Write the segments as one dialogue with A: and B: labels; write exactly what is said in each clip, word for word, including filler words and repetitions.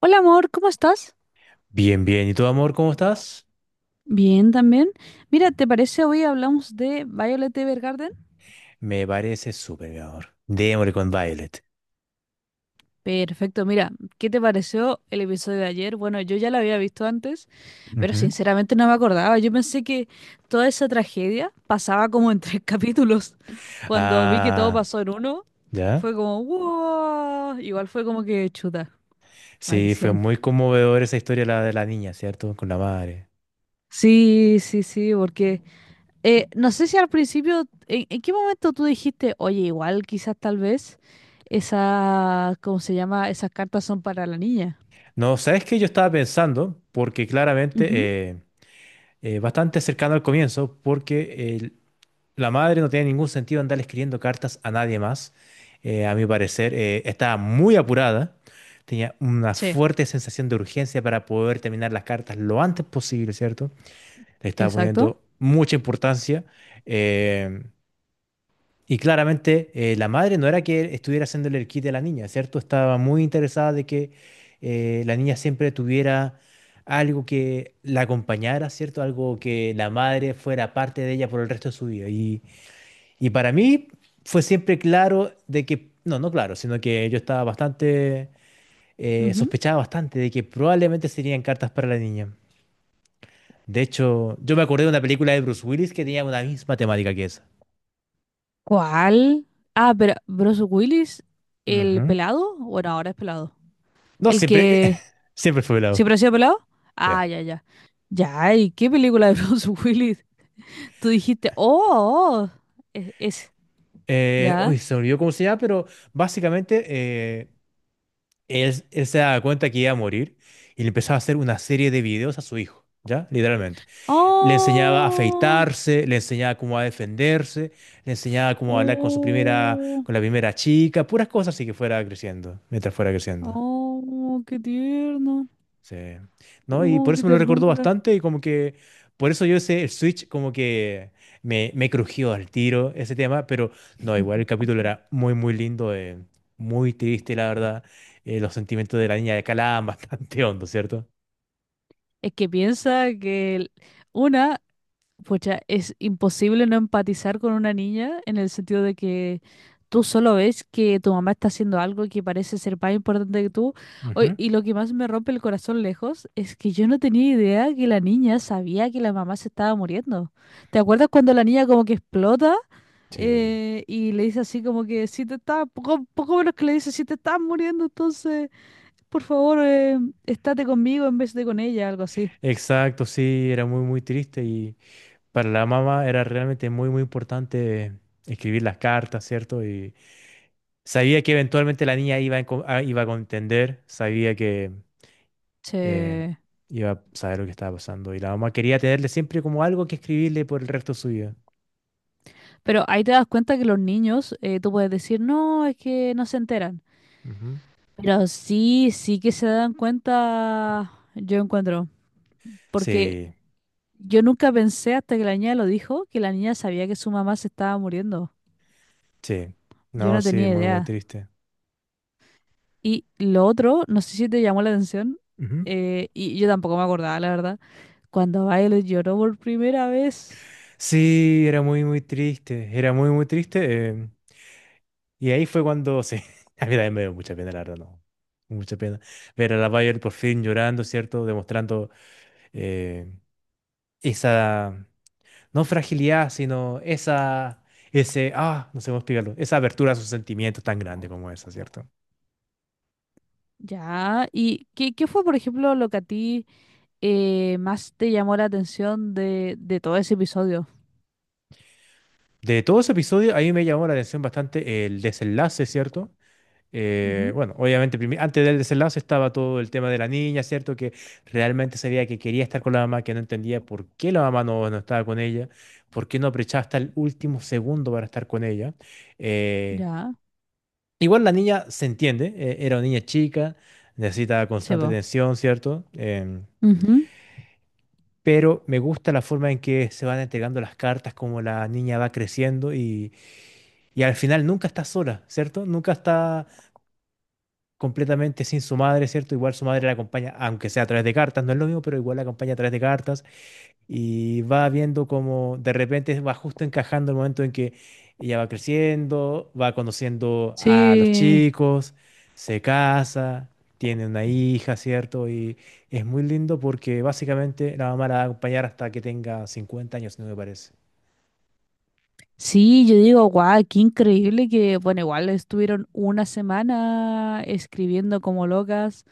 A: Hola amor, ¿cómo estás?
B: Bien, bien. ¿Y tú, amor, cómo estás?
A: Bien, también. Mira, ¿te parece hoy hablamos de Violet Evergarden?
B: Me parece súper, mi amor. Démosle con Violet.
A: Perfecto, mira, ¿qué te pareció el episodio de ayer? Bueno, yo ya lo había visto antes, pero
B: Ujú.
A: sinceramente no me acordaba. Yo pensé que toda esa tragedia pasaba como en tres capítulos. Cuando vi que todo
B: Ah,
A: pasó en uno,
B: ¿ya?
A: fue como, wow, igual fue como que chuta,
B: Sí, fue
A: maldición.
B: muy conmovedora esa historia la de la niña, ¿cierto? Con la madre.
A: Sí, sí, sí, porque, Eh, no sé si al principio, ¿en, en qué momento tú dijiste, oye, igual quizás tal vez esa, ¿cómo se llama? Esas cartas son para la niña.
B: No, ¿sabes qué? Yo estaba pensando, porque claramente,
A: Ujú,
B: eh, eh, bastante cercano al comienzo, porque el- la madre no tiene ningún sentido andar escribiendo cartas a nadie más. Eh, a mi parecer, eh, estaba muy apurada. Tenía una
A: sí,
B: fuerte sensación de urgencia para poder terminar las cartas lo antes posible, ¿cierto? Le estaba
A: exacto.
B: poniendo mucha importancia. eh, y claramente eh, la madre no era que estuviera haciéndole el kit a la niña, ¿cierto? Estaba muy interesada de que eh, la niña siempre tuviera algo que la acompañara, ¿cierto? Algo que la madre fuera parte de ella por el resto de su vida. Y, y para mí fue siempre claro de que, no, no claro, sino que yo estaba bastante, eh,
A: Ujú.
B: sospechaba bastante de que probablemente serían cartas para la niña. De hecho, yo me acordé de una película de Bruce Willis que tenía una misma temática que esa.
A: ¿Cuál? Ah, pero Bruce Willis, el
B: Ujú.
A: pelado, bueno, ahora es pelado.
B: No,
A: El
B: siempre,
A: que
B: siempre fue velado.
A: siempre ha sido pelado.
B: Sí.
A: Ah, ya, ya. Ya, ¿y qué película de Bruce Willis? Tú dijiste, oh, oh, oh, es, es-
B: Eh,
A: ya.
B: uy, se me olvidó cómo se llama, pero básicamente eh, él, él se daba cuenta que iba a morir y le empezaba a hacer una serie de videos a su hijo, ¿ya? Literalmente. Le enseñaba a
A: Oh,
B: afeitarse, le enseñaba cómo a defenderse, le enseñaba cómo a hablar con su primera,
A: oh.
B: con la primera chica, puras cosas así que fuera creciendo, mientras fuera creciendo.
A: Oh, qué tierno.
B: Sí. No, y
A: Oh,
B: por
A: qué
B: eso me lo recordó
A: ternura.
B: bastante y como que por eso yo ese el Switch como que me, me crujió al tiro ese tema, pero no, igual el capítulo era muy muy lindo, eh, muy triste la verdad. Eh, los sentimientos de la niña de Calaban bastante hondo, ¿cierto?
A: Es que piensa que el- una, pucha, es imposible no empatizar con una niña en el sentido de que tú solo ves que tu mamá está haciendo algo que parece ser más importante que tú. Oy,
B: Ujú.
A: y lo que más me rompe el corazón lejos es que yo no tenía idea que la niña sabía que la mamá se estaba muriendo. ¿Te acuerdas cuando la niña como que explota?
B: Sí.
A: Eh, y le dice así como que si te estás, poco, poco menos que le dice, si te estás muriendo, entonces, por favor, eh, estate conmigo en vez de con ella, algo así.
B: Exacto, sí, era muy muy triste y para la mamá era realmente muy muy importante escribir las cartas, ¿cierto? Y sabía que eventualmente la niña iba a enco- a- iba a contender, sabía que eh,
A: Sí.
B: iba a saber lo que estaba pasando. Y la mamá quería tenerle siempre como algo que escribirle por el resto de su vida.
A: Pero ahí te das cuenta que los niños, eh, tú puedes decir, no, es que no se enteran.
B: Ujú.
A: Pero sí, sí que se dan cuenta, yo encuentro. Porque
B: Sí,
A: yo nunca pensé hasta que la niña lo dijo, que la niña sabía que su mamá se estaba muriendo.
B: sí.
A: Yo
B: No,
A: no
B: sí,
A: tenía
B: muy, muy
A: idea.
B: triste.
A: Y lo otro, no sé si te llamó la atención,
B: Ujú.
A: eh, y yo tampoco me acordaba, la verdad, cuando Violet lloró por primera vez.
B: Sí, era muy, muy triste. Era muy, muy triste. eh, y ahí fue cuando, sí, a mí también me dio mucha pena, la verdad, no. Mucha pena. Ver a la Bayer por fin llorando, ¿cierto? Demostrando eh, esa, no fragilidad, sino esa, ese, ah, no sé cómo explicarlo, esa apertura a sus sentimientos tan grande como esa, ¿cierto?
A: Ya, ¿y qué, qué fue, por ejemplo, lo que a ti eh, más te llamó la atención de, de todo ese episodio?
B: De todo ese episodio, ahí me llamó la atención bastante el desenlace, ¿cierto? Eh,
A: Ujú.
B: bueno, obviamente primi- antes del desenlace estaba todo el tema de la niña, ¿cierto? Que realmente sabía que quería estar con la mamá, que no entendía por qué la mamá no, no estaba con ella, por qué no aprovechaba hasta el último segundo para estar con ella. Eh,
A: Ya,
B: igual la niña se entiende, eh, era una niña chica, necesita
A: se
B: constante
A: va.
B: atención, ¿cierto? Em,
A: Ujú.
B: pero me gusta la forma en que se van entregando las cartas, como la niña va creciendo. Y al final nunca está sola, ¿cierto? Nunca está completamente sin su madre, ¿cierto? Igual su madre la acompaña, aunque sea a través de cartas, no es lo mismo, pero igual la acompaña a través de cartas y va viendo como de repente va justo encajando el momento en que ella va creciendo, va conociendo a los
A: Sí.
B: chicos, se casa, tiene una hija, ¿cierto? Y es muy lindo porque básicamente la mamá la va a acompañar hasta que tenga cincuenta años, no me parece.
A: Sí, yo digo, guau, qué increíble que, bueno, igual estuvieron una semana escribiendo como locas,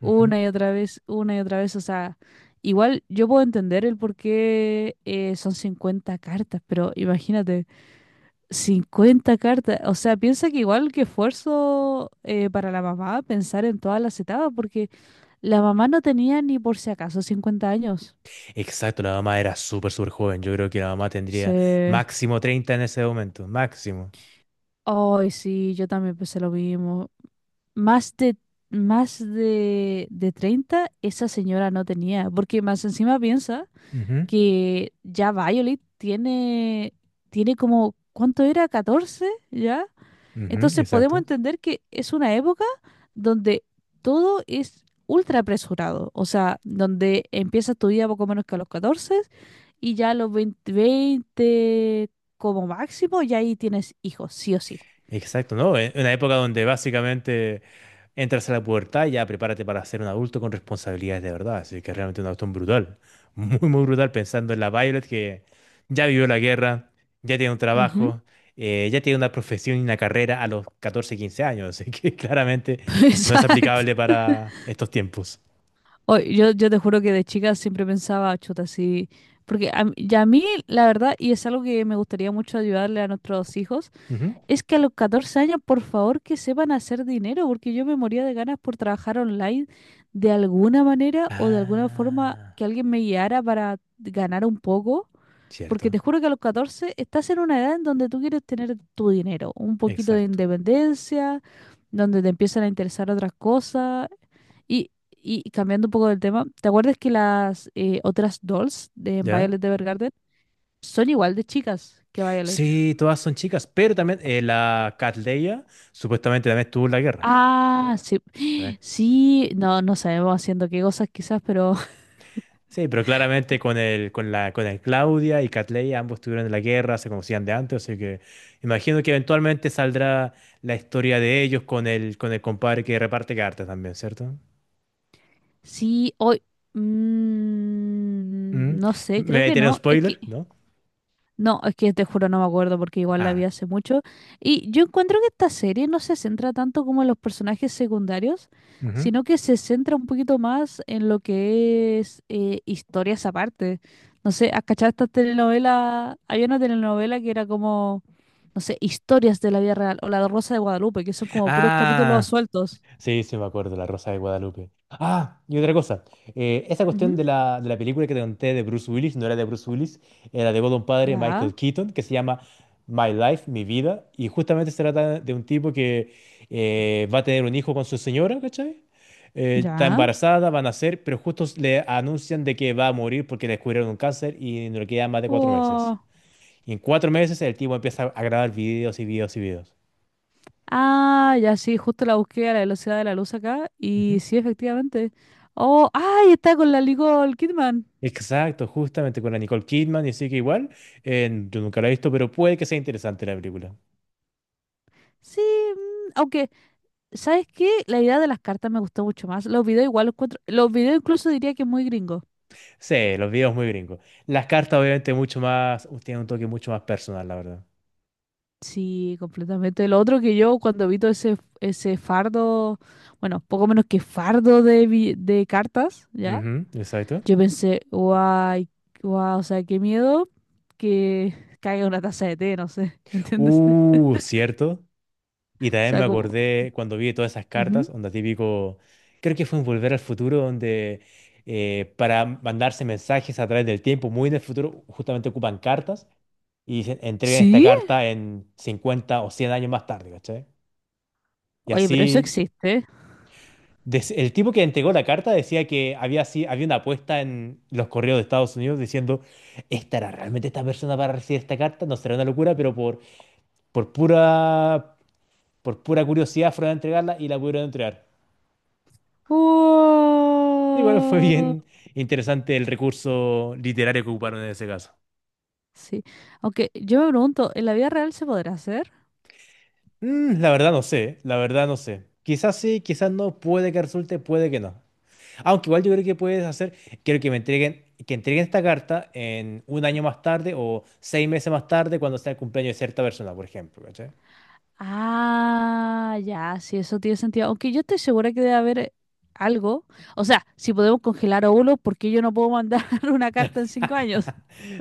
A: una y otra vez, una y otra vez, o sea, igual yo puedo entender el por qué eh, son cincuenta cartas, pero imagínate, cincuenta cartas, o sea, piensa que igual que esfuerzo eh, para la mamá pensar en todas las etapas, porque la mamá no tenía ni por si acaso cincuenta años.
B: Exacto, la mamá era súper, súper joven. Yo creo que la mamá tendría
A: Sí.
B: máximo treinta en ese momento, máximo.
A: Ay, sí, yo también pensé lo mismo. más de, más de, de treinta esa señora no tenía, porque más encima piensa
B: Ujú,
A: que ya Violet tiene, tiene como, ¿cuánto era? Catorce, ¿ya?
B: ujú,
A: Entonces podemos
B: exacto.
A: entender que es una época donde todo es ultra apresurado, o sea, donde empiezas tu vida poco menos que a los catorce, y ya a los veinte veinte como máximo, ya ahí tienes hijos, sí o sí.
B: Exacto, ¿no? En una época donde básicamente entras a la pubertad y ya prepárate para ser un adulto con responsabilidades de verdad. Así que realmente una cuestión brutal. Muy, muy brutal pensando en la Violet que ya vivió la guerra, ya tiene un
A: Ujú.
B: trabajo, eh, ya tiene una profesión y una carrera a los catorce quince años. Así que claramente no es
A: Exacto.
B: aplicable para estos tiempos.
A: Oh, yo, yo te juro que de chica siempre pensaba, chuta, así. Porque a, mí- y a mí, la verdad, y es algo que me gustaría mucho ayudarle a nuestros hijos, es que a los catorce años, por favor, que sepan hacer dinero, porque yo me moría de ganas por trabajar online de alguna manera o de alguna forma
B: Ah,
A: que alguien me guiara para ganar un poco. Porque te
B: cierto,
A: juro que a los catorce estás en una edad en donde tú quieres tener tu dinero, un poquito de
B: exacto.
A: independencia, donde te empiezan a interesar otras cosas. Y, y cambiando un poco del tema, ¿te acuerdas que las eh, otras dolls de
B: ¿Ya?
A: Violet Evergarden son igual de chicas que Violet?
B: Sí, todas son chicas, pero también eh, la Cat Leia supuestamente también estuvo en la guerra.
A: Ah, sí.
B: También.
A: Sí, no, no sabemos haciendo qué cosas quizás, pero
B: Sí, pero claramente con el, con la, con el Claudia y Cat Leia, ambos estuvieron en la guerra, se conocían de antes, así que imagino que eventualmente saldrá la historia de ellos con el, con el compadre que reparte cartas también, ¿cierto?
A: sí, hoy...
B: ¿Mm?
A: mm, no sé,
B: ¿Me
A: creo
B: voy a
A: que
B: tirar un
A: no. Es que
B: spoiler? ¿No?
A: No, es que te juro no me acuerdo porque igual la
B: Ah.
A: vi hace mucho. Y yo encuentro que esta serie no se centra tanto como en los personajes secundarios,
B: Ujú.
A: sino que se centra un poquito más en lo que es eh, historias aparte. No sé, ¿has cachado estas telenovelas? Había una telenovela que era como, no sé, historias de la vida real o La Rosa de Guadalupe, que son como puros capítulos
B: Ah.
A: sueltos.
B: Sí, sí, me acuerdo, La Rosa de Guadalupe. Ah, y otra cosa. eh, esa cuestión
A: Ujú.
B: de la, de la película que te conté de Bruce Willis, no era de Bruce Willis, era de un padre,
A: Ya,
B: Michael Keaton, que se llama My Life, Mi Vida, y justamente se trata de un tipo que eh, va a tener un hijo con su señora, ¿cachai? Eh, está
A: ya.
B: embarazada, va a nacer, pero justo le anuncian de que va a morir porque le descubrieron un cáncer y no le quedan más de cuatro meses.
A: Wow.
B: Y en cuatro meses el tipo empieza a grabar videos y videos y videos.
A: Ah, ya sí, justo la busqué a la velocidad de la luz acá y
B: Ujú.
A: sí, efectivamente. Oh, ay, está con la Nicole Kidman.
B: Exacto, justamente con la Nicole Kidman, y así que igual, eh, yo nunca la he visto, pero puede que sea interesante la película.
A: Sí, mm, aunque, ¿sabes qué? La idea de las cartas me gustó mucho más. Los videos igual los encuentro, los videos incluso diría que es muy gringo.
B: Sí, los videos muy gringos. Las cartas obviamente mucho más, uh, tienen un toque mucho más personal, la verdad.
A: Sí, completamente. Lo otro que yo cuando vi todo ese, ese fardo, bueno, poco menos que fardo de, vi- de cartas, ¿ya?
B: Ujú, exacto.
A: Yo pensé, guay, guau, o sea, qué miedo que caiga una taza de té, no sé, ¿me entiendes?
B: Uh, cierto. Y
A: O
B: también me
A: sea, como,
B: acordé cuando vi todas esas cartas,
A: ujú.
B: onda típico, creo que fue en Volver al Futuro, donde eh, para mandarse mensajes a través del tiempo, muy en el futuro, justamente ocupan cartas y dicen, entregan esta
A: ¿Sí?
B: carta en cincuenta o cien años más tarde, ¿cachai? Y
A: Oye, pero eso
B: así,
A: existe.
B: des- el tipo que entregó la carta decía que había, así, había una apuesta en los correos de Estados Unidos diciendo, ¿estará realmente esta persona para recibir esta carta? No será una locura, pero por, por pura, por pura curiosidad fueron a entregarla y la pudieron entregar. Igual fue
A: Oh,
B: bien interesante el recurso literario que ocuparon en ese caso.
A: sí. Aunque yo me pregunto, ¿en la vida real se podrá hacer?
B: Mm, la verdad no sé, la verdad no sé. Quizás sí, quizás no, puede que resulte, puede que no. Aunque igual yo creo que puedes hacer, quiero que me entreguen, que entreguen esta carta en un año más tarde o seis meses más tarde cuando sea el cumpleaños de cierta persona, por ejemplo, ¿cachai?
A: Ah, ya, sí, eso tiene sentido. Aunque yo estoy segura que debe haber eh, algo. O sea, si podemos congelar óvulos, ¿por qué yo no puedo mandar una carta en cinco años?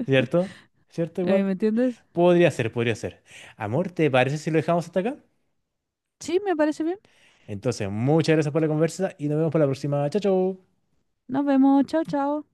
B: ¿Cierto? ¿Cierto
A: Eh, ¿me
B: igual?
A: entiendes?
B: Podría ser, podría ser. Amor, ¿te parece si lo dejamos hasta acá?
A: Sí, me parece bien.
B: Entonces, muchas gracias por la conversa y nos vemos para la próxima. Chao, chao.
A: Nos vemos. Chao, chao.